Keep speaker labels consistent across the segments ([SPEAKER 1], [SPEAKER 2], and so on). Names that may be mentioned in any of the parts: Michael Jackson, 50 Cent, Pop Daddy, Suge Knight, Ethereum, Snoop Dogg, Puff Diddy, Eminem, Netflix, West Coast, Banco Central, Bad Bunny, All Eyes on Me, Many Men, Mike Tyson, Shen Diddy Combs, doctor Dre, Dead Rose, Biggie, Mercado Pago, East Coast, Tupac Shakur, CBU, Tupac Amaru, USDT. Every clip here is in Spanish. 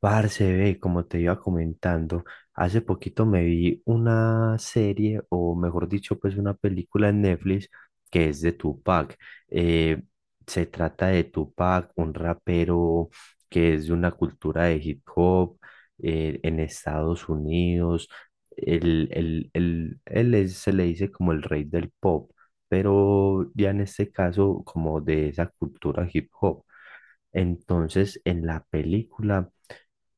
[SPEAKER 1] Parce, ve, como te iba comentando, hace poquito me vi una serie, o mejor dicho, pues una película en Netflix que es de Tupac. Eh, Se trata de Tupac, un rapero que es de una cultura de hip hop en Estados Unidos. Se le dice como el rey del pop, pero ya en este caso como de esa cultura hip hop. Entonces, en la película,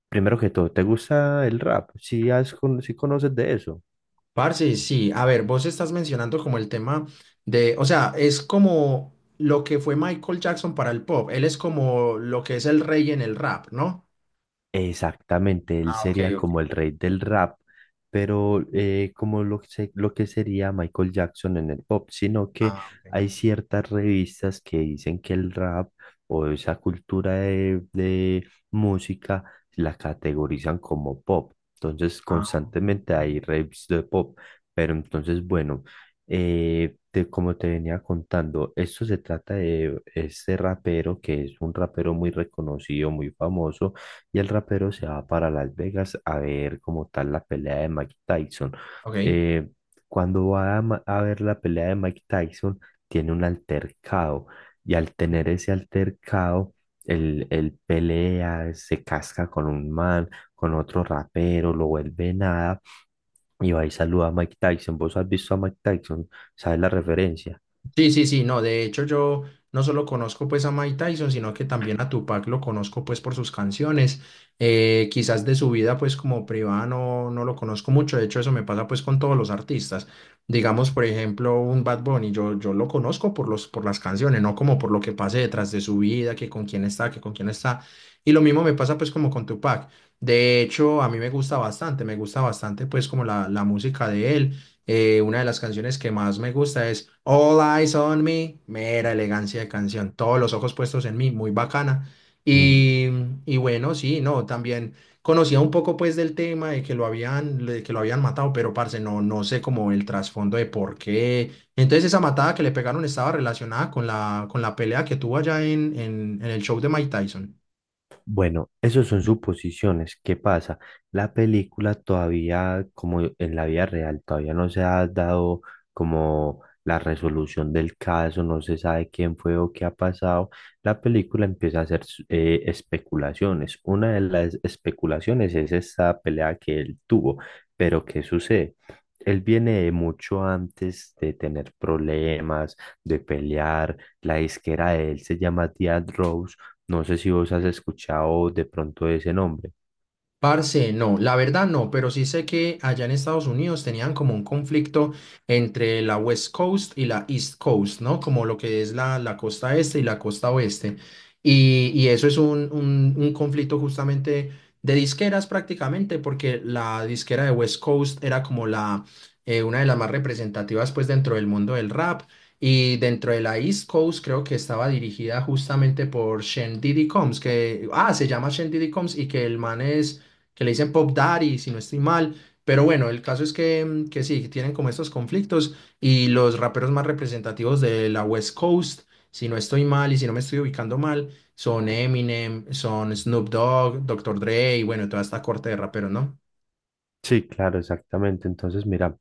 [SPEAKER 1] primero que todo, ¿te gusta el rap? Si has, con- ¿Sí conoces de eso?
[SPEAKER 2] Parce, sí, a ver, vos estás mencionando como el tema de, o sea, es como lo que fue Michael Jackson para el pop, él es como lo que es el rey en el rap, ¿no?
[SPEAKER 1] Exactamente, él
[SPEAKER 2] Ah, ok,
[SPEAKER 1] sería
[SPEAKER 2] ok.
[SPEAKER 1] como el rey del rap, pero como lo que sería Michael Jackson en el pop, sino que
[SPEAKER 2] Ah, ok.
[SPEAKER 1] hay ciertas revistas que dicen que el rap o esa cultura de música la categorizan como pop. Entonces,
[SPEAKER 2] Ah,
[SPEAKER 1] constantemente hay raps de pop, pero entonces, bueno, como te venía contando, esto se trata de este rapero que es un rapero muy reconocido, muy famoso, y el rapero se va para Las Vegas a ver como tal la pelea de Mike Tyson.
[SPEAKER 2] ok.
[SPEAKER 1] Eh, Cuando va a ver la pelea de Mike Tyson, tiene un altercado, y al tener ese altercado, el pelea, se casca con un man, con otro rapero, lo vuelve nada, y va y saluda a Mike Tyson. ¿Vos has visto a Mike Tyson? ¿Sabes la referencia?
[SPEAKER 2] Sí, sí, sí, no, de hecho yo no solo conozco pues a Mike Tyson, sino que también a Tupac lo conozco pues por sus canciones, quizás de su vida pues como privada no lo conozco mucho. De hecho eso me pasa pues con todos los artistas, digamos por ejemplo un Bad Bunny, yo lo conozco por por las canciones, no como por lo que pase detrás de su vida, que con quién está, que con quién está, y lo mismo me pasa pues como con Tupac. De hecho a mí me gusta bastante pues como la música de él. Una de las canciones que más me gusta es All Eyes on Me, mera elegancia de canción, todos los ojos puestos en mí, muy bacana. Y, y bueno, sí, no, también conocía un poco pues del tema de que lo habían, de que lo habían matado, pero parce, no sé como el trasfondo de por qué. Entonces esa matada que le pegaron estaba relacionada con con la pelea que tuvo allá en el show de Mike Tyson.
[SPEAKER 1] Bueno, eso son suposiciones. ¿Qué pasa? La película todavía, como en la vida real, todavía no se ha dado como la resolución del caso, no se sabe quién fue o qué ha pasado. La película empieza a hacer especulaciones. Una de las especulaciones es esa pelea que él tuvo. Pero ¿qué sucede? Él viene de mucho antes de tener problemas, de pelear. La disquera de él se llama Dead Rose. No sé si vos has escuchado de pronto ese nombre.
[SPEAKER 2] Parce, no, la verdad no, pero sí sé que allá en Estados Unidos tenían como un conflicto entre la West Coast y la East Coast, ¿no? Como lo que es la costa este y la costa oeste. Y eso es un conflicto justamente de disqueras prácticamente, porque la disquera de West Coast era como una de las más representativas pues dentro del mundo del rap. Y dentro de la East Coast creo que estaba dirigida justamente por Shen Diddy Combs, que, ah, se llama Shen Diddy Combs y que el man es que le dicen Pop Daddy, si no estoy mal. Pero bueno, el caso es que, que sí, que tienen como estos conflictos y los raperos más representativos de la West Coast, si no estoy mal y si no me estoy ubicando mal, son Eminem, son Snoop Dogg, doctor Dre y bueno, toda esta corte de raperos, ¿no?
[SPEAKER 1] Sí, claro, exactamente. Entonces, mira,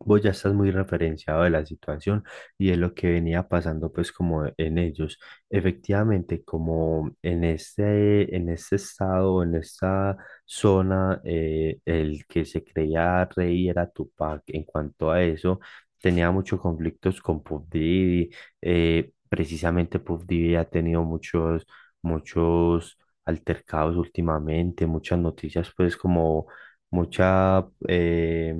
[SPEAKER 1] vos ya estás muy referenciado de la situación y de lo que venía pasando, pues, como en ellos. Efectivamente, como en este estado, en esta zona, el que se creía rey era Tupac. En cuanto a eso, tenía muchos conflictos con Puff Diddy. Precisamente, Puff Diddy ha tenido muchos altercados últimamente, muchas noticias, pues, como mucha,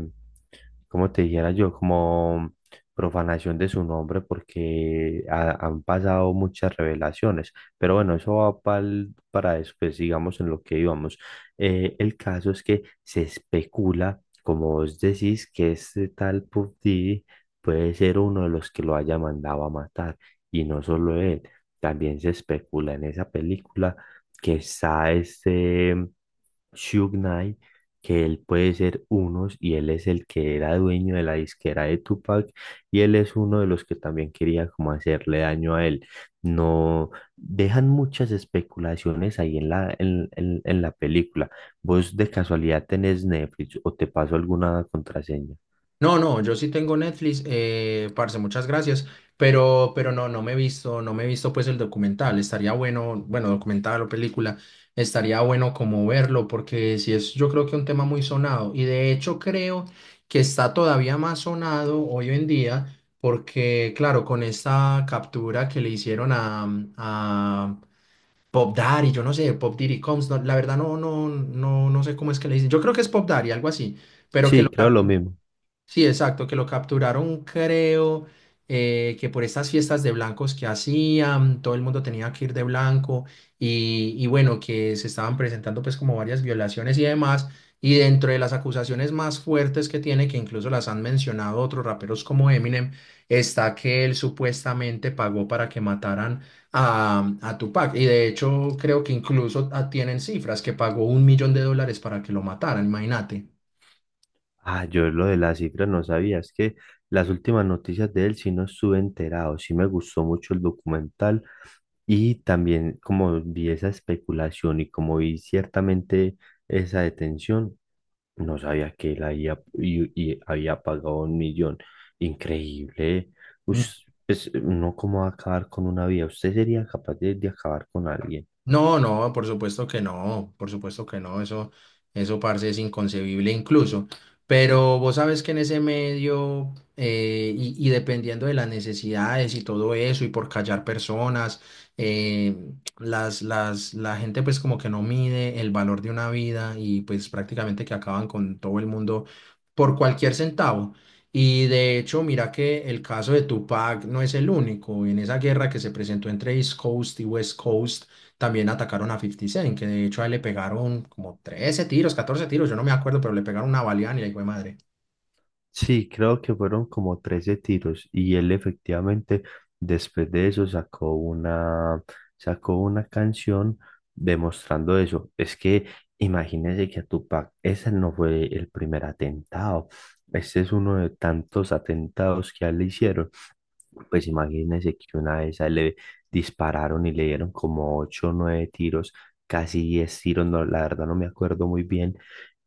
[SPEAKER 1] como te dijera yo, como profanación de su nombre porque han pasado muchas revelaciones. Pero bueno, eso va para después, digamos, en lo que íbamos. El caso es que se especula, como vos decís, que este tal Puff Diddy puede ser uno de los que lo haya mandado a matar. Y no solo él, también se especula en esa película que está este... Suge Knight, que él puede ser unos, y él es el que era dueño de la disquera de Tupac, y él es uno de los que también quería como hacerle daño a él. No dejan muchas especulaciones ahí en la película. ¿Vos de casualidad tenés Netflix o te paso alguna contraseña?
[SPEAKER 2] No, no, yo sí tengo Netflix, parce, muchas gracias, pero no, no me he visto, no me he visto pues el documental. Estaría bueno, bueno, documental o película, estaría bueno como verlo, porque sí es, yo creo que un tema muy sonado. Y de hecho creo que está todavía más sonado hoy en día, porque claro, con esta captura que le hicieron a, a Pop Daddy, yo no sé, Pop Diddy Combs, no, la verdad no, no sé cómo es que le dicen, yo creo que es Pop Daddy, algo así, pero que
[SPEAKER 1] Sí,
[SPEAKER 2] lo
[SPEAKER 1] creo lo
[SPEAKER 2] capturaron.
[SPEAKER 1] mismo.
[SPEAKER 2] Sí, exacto, que lo capturaron, creo, que por estas fiestas de blancos que hacían, todo el mundo tenía que ir de blanco y bueno, que se estaban presentando pues como varias violaciones y demás. Y dentro de las acusaciones más fuertes que tiene, que incluso las han mencionado otros raperos como Eminem, está que él supuestamente pagó para que mataran a Tupac. Y de hecho creo que incluso ah, tienen cifras que pagó $1 millón para que lo mataran, imagínate.
[SPEAKER 1] Ah, yo lo de las cifras no sabía, es que las últimas noticias de él sí no estuve enterado, sí me gustó mucho el documental. Y también como vi esa especulación y como vi ciertamente esa detención, no sabía que él había, y había pagado un millón. Increíble. Ush, pues, no cómo va a acabar con una vida. ¿Usted sería capaz de acabar con alguien?
[SPEAKER 2] No, no, por supuesto que no, por supuesto que no, eso, parce, es inconcebible incluso. Pero vos sabes que en ese medio, y dependiendo de las necesidades y todo eso, y por callar personas, eh, la gente pues como que no mide el valor de una vida y pues prácticamente que acaban con todo el mundo por cualquier centavo. Y de hecho, mira que el caso de Tupac no es el único. En esa guerra que se presentó entre East Coast y West Coast, también atacaron a 50 Cent, que de hecho a él le pegaron como 13 tiros, 14 tiros, yo no me acuerdo, pero le pegaron una baleada y la hijo de madre.
[SPEAKER 1] Sí, creo que fueron como 13 tiros, y él efectivamente después de eso sacó una canción demostrando eso. Es que imagínese que a Tupac ese no fue el primer atentado. Este es uno de tantos atentados que a él le hicieron, pues imagínense que una vez a él le dispararon y le dieron como ocho o nueve tiros, casi 10 tiros, no, la verdad no me acuerdo muy bien,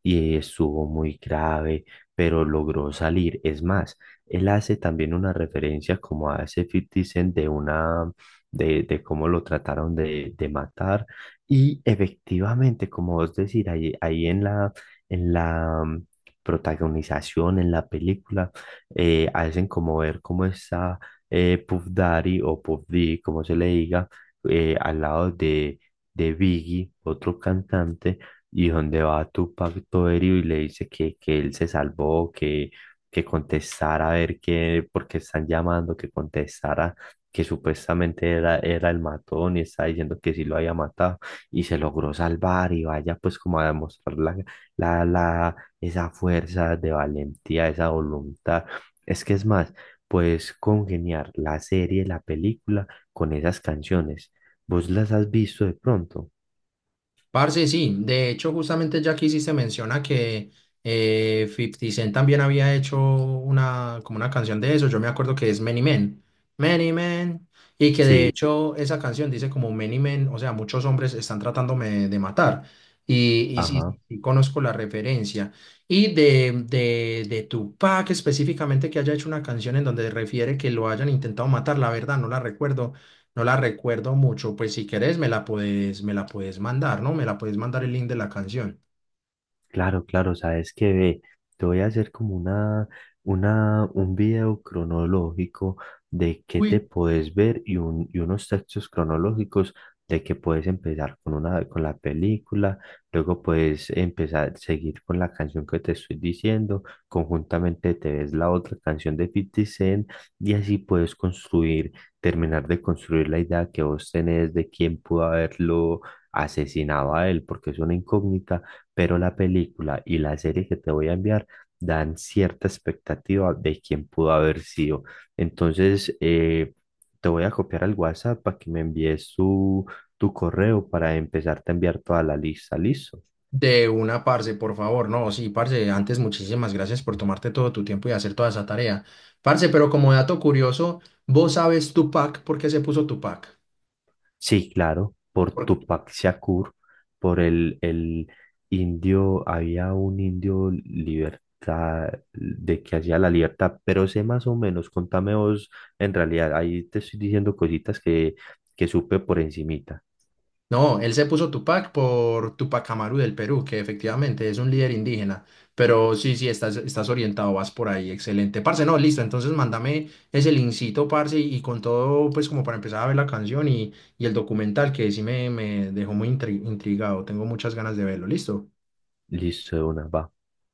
[SPEAKER 1] y estuvo muy grave, pero logró salir. Es más, él hace también una referencia como a ese 50 Cent de una, de cómo lo trataron de matar, y efectivamente, como vos decís, ahí en la protagonización, en la película, hacen como ver cómo está Puff Daddy o Puff D, como se le diga, al lado de Biggie, otro cantante, y donde va Tupac todo herido y le dice que él se salvó, que contestara a ver qué, por qué están llamando, que contestara, que supuestamente era, era el matón y está diciendo que sí lo había matado, y se logró salvar, y vaya pues como a demostrar esa fuerza de valentía, esa voluntad. Es que es más, puedes congeniar la serie, la película con esas canciones. ¿Vos las has visto de pronto?
[SPEAKER 2] Parce, sí, de hecho justamente ya que hiciste menciona que 50 Cent también había hecho una, como una canción de eso, yo me acuerdo que es Many Men, Many Men, y que de
[SPEAKER 1] Sí,
[SPEAKER 2] hecho esa canción dice como Many Men, o sea, muchos hombres están tratándome de matar, y sí, sí,
[SPEAKER 1] ajá.
[SPEAKER 2] sí conozco la referencia, y de Tupac específicamente que haya hecho una canción en donde refiere que lo hayan intentado matar, la verdad no la recuerdo, no la recuerdo mucho. Pues si querés me la puedes mandar, ¿no? Me la puedes mandar el link de la canción.
[SPEAKER 1] Claro, claro, sabes que ve, te voy a hacer como un video cronológico de qué te
[SPEAKER 2] Uy,
[SPEAKER 1] puedes ver, y unos textos cronológicos de que puedes empezar con una, con la película, luego puedes empezar, seguir con la canción que te estoy diciendo, conjuntamente te ves la otra canción de 50 Cent, y así puedes construir, terminar de construir la idea que vos tenés de quién pudo haberlo asesinado a él, porque es una incógnita, pero la película y la serie que te voy a enviar dan cierta expectativa de quién pudo haber sido. Entonces, te voy a copiar al WhatsApp para que me envíes tu correo para empezarte a enviar toda la lista. ¿Listo?
[SPEAKER 2] de una, parce, por favor. No, sí, parce, antes muchísimas gracias por tomarte todo tu tiempo y hacer toda esa tarea. Parce, pero como dato curioso, ¿vos sabes Tupac por qué se puso Tupac?
[SPEAKER 1] Sí, claro, por Tupac Shakur, por el indio, había un indio libertad, de que hacía la libertad, pero sé más o menos, contame vos, en realidad, ahí te estoy diciendo cositas que supe por encimita.
[SPEAKER 2] No, él se puso Tupac por Tupac Amaru del Perú, que efectivamente es un líder indígena. Pero sí, sí, estás, estás orientado, vas por ahí, excelente. Parce, no, listo, entonces mándame ese linkcito, parce, y con todo, pues como para empezar a ver la canción y el documental, que sí me dejó muy intrigado, tengo muchas ganas de verlo, listo.
[SPEAKER 1] Listo, de una, va.